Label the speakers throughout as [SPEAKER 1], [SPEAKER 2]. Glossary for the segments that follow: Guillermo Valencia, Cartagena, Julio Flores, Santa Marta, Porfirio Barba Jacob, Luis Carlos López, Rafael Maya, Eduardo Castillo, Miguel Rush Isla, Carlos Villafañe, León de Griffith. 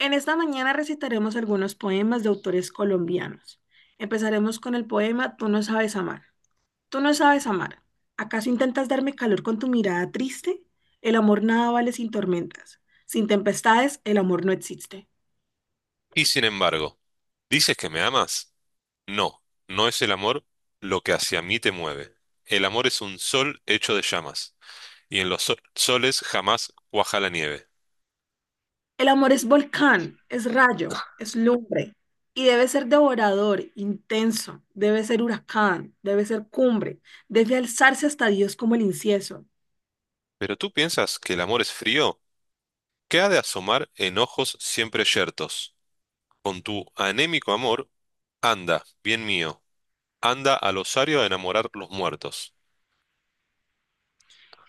[SPEAKER 1] En esta mañana recitaremos algunos poemas de autores colombianos. Empezaremos con el poema Tú no sabes amar. Tú no sabes amar. ¿Acaso intentas darme calor con tu mirada triste? El amor nada vale sin tormentas. Sin tempestades, el amor no existe.
[SPEAKER 2] Y sin embargo, ¿dices que me amas? No, no es el amor lo que hacia mí te mueve. El amor es un sol hecho de llamas, y en los soles jamás cuaja la nieve.
[SPEAKER 1] El amor es volcán, es rayo, es lumbre y debe ser devorador, intenso, debe ser huracán, debe ser cumbre, debe alzarse hasta Dios como el incienso.
[SPEAKER 2] ¿Pero tú piensas que el amor es frío? ¿Qué ha de asomar en ojos siempre yertos? Con tu anémico amor, anda, bien mío, anda al osario a enamorar los muertos.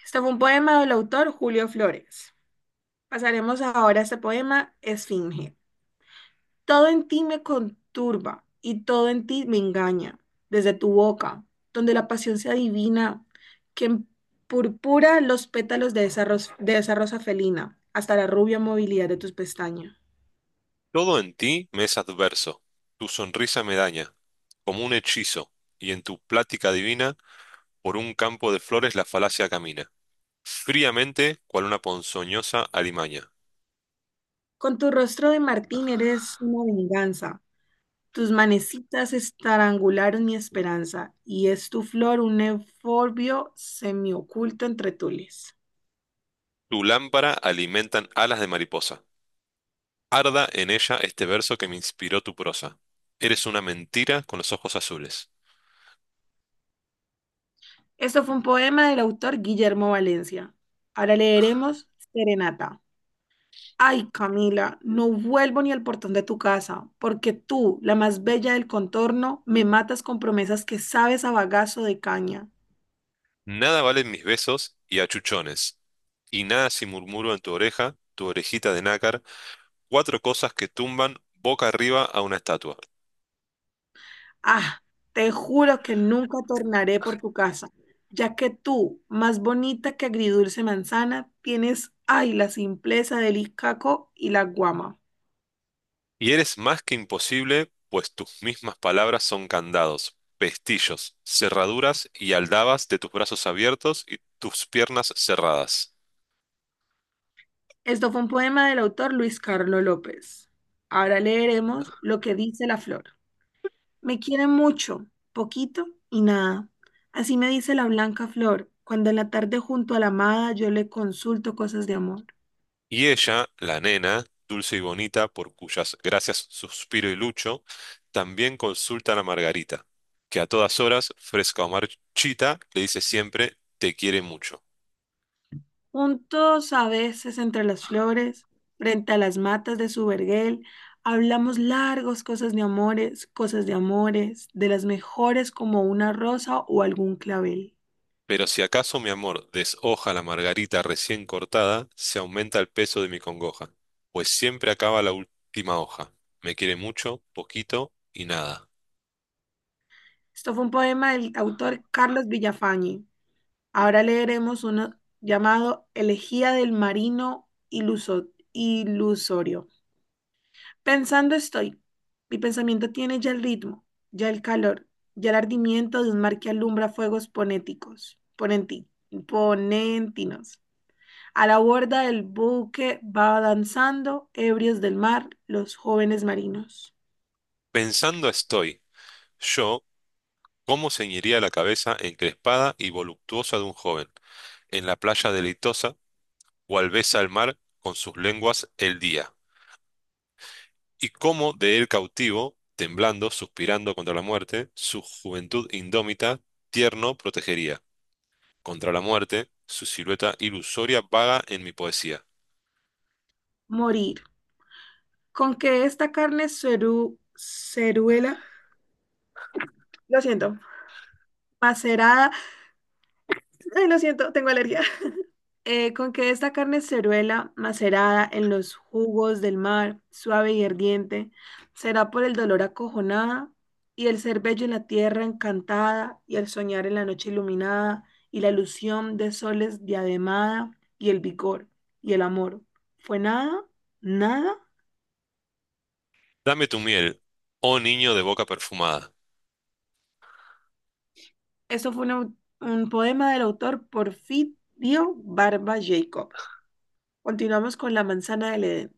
[SPEAKER 1] Este fue un poema del autor Julio Flores. Pasaremos ahora a este poema Esfinge. Todo en ti me conturba y todo en ti me engaña, desde tu boca, donde la pasión se adivina, que purpura los pétalos de esa rosa felina, hasta la rubia movilidad de tus pestañas.
[SPEAKER 2] Todo en ti me es adverso, tu sonrisa me daña, como un hechizo, y en tu plática divina. Por un campo de flores la falacia camina, fríamente, cual una ponzoñosa alimaña.
[SPEAKER 1] Con tu rostro de Martín eres una venganza. Tus manecitas estrangularon mi esperanza, y es tu flor un euforbio semioculto entre tules.
[SPEAKER 2] Tu lámpara alimentan alas de mariposa. Arda en ella este verso que me inspiró tu prosa. Eres una mentira con los ojos azules.
[SPEAKER 1] Esto fue un poema del autor Guillermo Valencia. Ahora leeremos Serenata. Ay, Camila, no vuelvo ni al portón de tu casa, porque tú, la más bella del contorno, me matas con promesas que sabes a bagazo de caña.
[SPEAKER 2] Nada valen mis besos y achuchones. Y nada si murmuro en tu oreja, tu orejita de nácar, cuatro cosas que tumban boca arriba a una estatua.
[SPEAKER 1] Ah, te juro que nunca tornaré por tu casa, ya que tú, más bonita que agridulce manzana, tienes, ay, la simpleza del icaco y la guama.
[SPEAKER 2] Y eres más que imposible, pues tus mismas palabras son candados, pestillos, cerraduras y aldabas de tus brazos abiertos y tus piernas cerradas.
[SPEAKER 1] Esto fue un poema del autor Luis Carlos López. Ahora leeremos lo que dice la flor. Me quiere mucho, poquito y nada. Así me dice la blanca flor, cuando en la tarde junto a la amada yo le consulto cosas de amor.
[SPEAKER 2] Y ella, la nena, dulce y bonita, por cuyas gracias suspiro y lucho, también consultan a Margarita, que a todas horas, fresca o marchita, le dice siempre, te quiere mucho.
[SPEAKER 1] Juntos a veces entre las flores, frente a las matas de su vergel, hablamos largos cosas de amores, de las mejores como una rosa o algún clavel.
[SPEAKER 2] Pero si acaso, mi amor, deshoja la margarita recién cortada, se aumenta el peso de mi congoja, pues siempre acaba la última hoja. Me quiere mucho, poquito y nada.
[SPEAKER 1] Esto fue un poema del autor Carlos Villafañe. Ahora leeremos uno llamado Elegía del Marino Ilusorio. Pensando estoy. Mi pensamiento tiene ya el ritmo, ya el calor, ya el ardimiento de un mar que alumbra fuegos ponentinos. A la borda del buque va danzando, ebrios del mar, los jóvenes marinos.
[SPEAKER 2] Pensando estoy, yo, cómo ceñiría la cabeza encrespada y voluptuosa de un joven, en la playa deleitosa, cual besa el mar con sus lenguas el día, y cómo de él cautivo, temblando, suspirando contra la muerte, su juventud indómita, tierno protegería contra la muerte, su silueta ilusoria vaga en mi poesía.
[SPEAKER 1] Morir. Con que esta carne ceruela, lo siento, macerada, ay, lo siento, tengo alergia. Con que esta carne ceruela, macerada en los jugos del mar, suave y ardiente, será por el dolor acojonada, y el ser bello en la tierra encantada, y el soñar en la noche iluminada, y la ilusión de soles diademada, y el vigor, y el amor. ¿Fue nada? ¿Nada?
[SPEAKER 2] Dame tu miel, oh niño de boca perfumada.
[SPEAKER 1] Esto fue un, au- Un poema del autor Porfirio Barba Jacob. Continuamos con La manzana del Edén.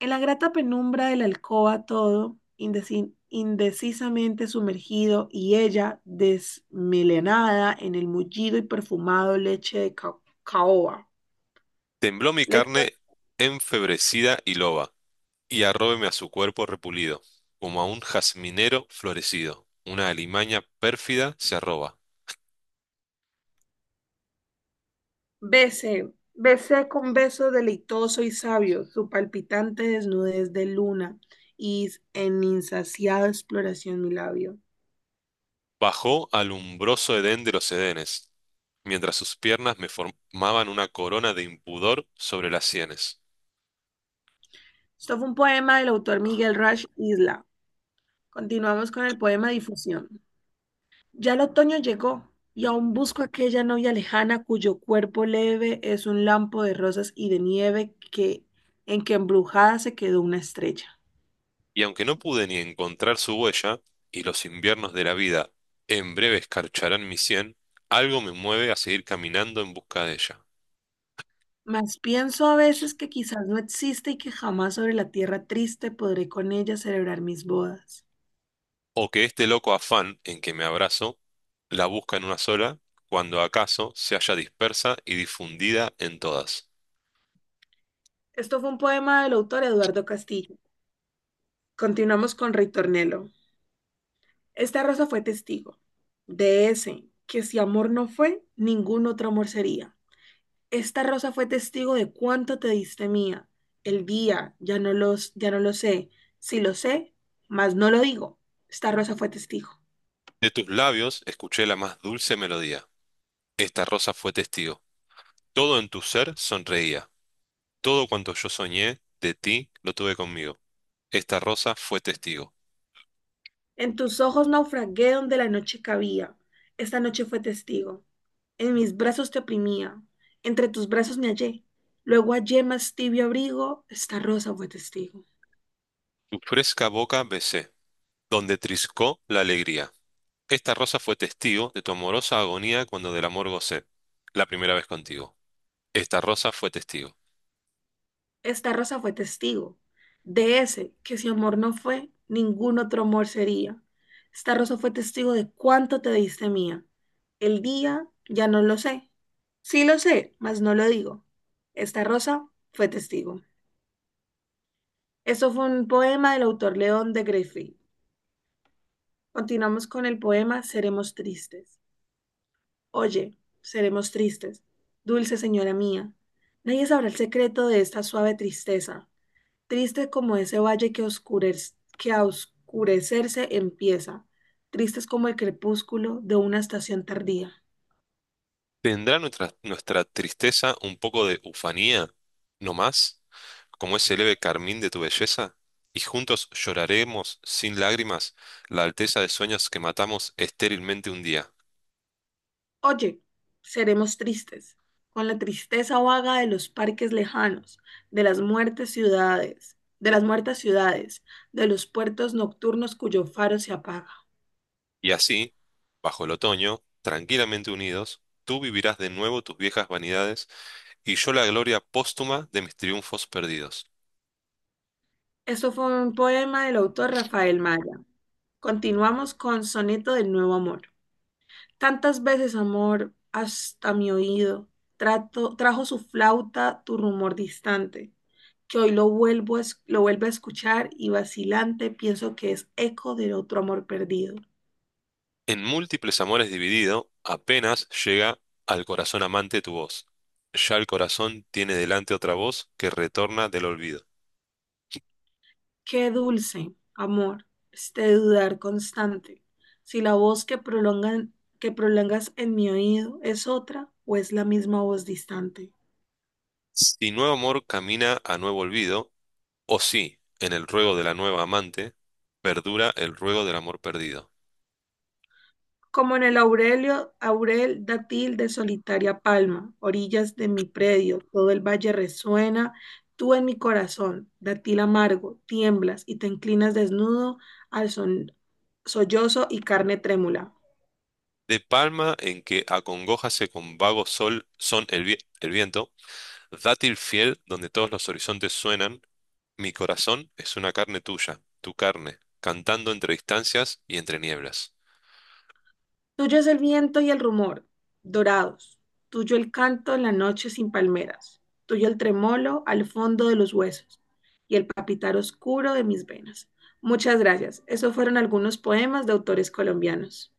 [SPEAKER 1] En la grata penumbra de la alcoba todo, indecisamente sumergido, y ella desmelenada en el mullido y perfumado leche de caoba.
[SPEAKER 2] Tembló mi
[SPEAKER 1] Leche,
[SPEAKER 2] carne enfebrecida y loba, y arróbeme a su cuerpo repulido, como a un jazminero florecido. Una alimaña pérfida se arroba.
[SPEAKER 1] besé con beso deleitoso y sabio su palpitante desnudez de luna y en insaciada exploración mi labio.
[SPEAKER 2] Bajó al umbroso edén de los edenes, mientras sus piernas me formaban una corona de impudor sobre las sienes.
[SPEAKER 1] Esto fue un poema del autor Miguel Rush Isla. Continuamos con el poema Difusión. Ya el otoño llegó, y aún busco aquella novia lejana cuyo cuerpo leve es un lampo de rosas y de nieve que en que embrujada se quedó una estrella.
[SPEAKER 2] Y aunque no pude ni encontrar su huella, y los inviernos de la vida en breve escarcharán mi sien, algo me mueve a seguir caminando en busca de ella.
[SPEAKER 1] Mas pienso a veces que quizás no existe y que jamás sobre la tierra triste podré con ella celebrar mis bodas.
[SPEAKER 2] O que este loco afán en que me abrazo la busca en una sola, cuando acaso se haya dispersa y difundida en todas.
[SPEAKER 1] Esto fue un poema del autor Eduardo Castillo. Continuamos con Ritornello. Esta rosa fue testigo de ese que si amor no fue, ningún otro amor sería. Esta rosa fue testigo de cuánto te diste mía. El día, ya no lo sé. Si lo sé, mas no lo digo. Esta rosa fue testigo.
[SPEAKER 2] De tus labios escuché la más dulce melodía. Esta rosa fue testigo. Todo en tu ser sonreía. Todo cuanto yo soñé de ti lo tuve conmigo. Esta rosa fue testigo.
[SPEAKER 1] En tus ojos naufragué donde la noche cabía. Esta noche fue testigo. En mis brazos te oprimía. Entre tus brazos me hallé. Luego hallé más tibio abrigo. Esta rosa fue testigo.
[SPEAKER 2] Tu fresca boca besé, donde triscó la alegría. Esta rosa fue testigo de tu amorosa agonía cuando del amor gocé, la primera vez contigo. Esta rosa fue testigo.
[SPEAKER 1] Esta rosa fue testigo de ese que si amor no fue, ningún otro amor sería. Esta rosa fue testigo de cuánto te diste mía. El día ya no lo sé. Sí lo sé, mas no lo digo. Esta rosa fue testigo. Esto fue un poema del autor León de Griffith. Continuamos con el poema Seremos tristes. Oye, seremos tristes. Dulce señora mía, nadie sabrá el secreto de esta suave tristeza. Triste como ese valle que que a oscurecerse empieza. Tristes como el crepúsculo de una estación tardía.
[SPEAKER 2] ¿Tendrá nuestra tristeza un poco de ufanía, no más, como ese leve carmín de tu belleza? Y juntos lloraremos sin lágrimas la alteza de sueños que matamos estérilmente un día.
[SPEAKER 1] Oye, seremos tristes, con la tristeza vaga de los parques lejanos, de las muertas ciudades, de los puertos nocturnos cuyo faro se apaga.
[SPEAKER 2] Y así, bajo el otoño, tranquilamente unidos, tú vivirás de nuevo tus viejas vanidades y yo la gloria póstuma de mis triunfos perdidos.
[SPEAKER 1] Esto fue un poema del autor Rafael Maya. Continuamos con Soneto del Nuevo Amor. Tantas veces, amor, hasta mi oído, trajo su flauta tu rumor distante, que hoy lo vuelvo a escuchar y vacilante pienso que es eco de otro amor perdido.
[SPEAKER 2] En múltiples amores dividido, apenas llega al corazón amante tu voz. Ya el corazón tiene delante otra voz que retorna del olvido.
[SPEAKER 1] Qué dulce, amor, este dudar constante, si la voz que prolongas en mi oído es otra o es la misma voz distante.
[SPEAKER 2] Si nuevo amor camina a nuevo olvido, o si, en el ruego de la nueva amante, perdura el ruego del amor perdido.
[SPEAKER 1] Como en el Aurelio, Aurel dátil de solitaria palma, orillas de mi predio, todo el valle resuena, tú en mi corazón, dátil amargo, tiemblas y te inclinas desnudo al son- sollozo y carne trémula.
[SPEAKER 2] De palma en que acongojase con vago sol son el, el viento, dátil fiel donde todos los horizontes suenan, mi corazón es una carne tuya, tu carne, cantando entre distancias y entre nieblas.
[SPEAKER 1] Tuyo es el viento y el rumor, dorados, tuyo el canto en la noche sin palmeras, tuyo el tremolo al fondo de los huesos y el papitar oscuro de mis venas. Muchas gracias. Esos fueron algunos poemas de autores colombianos.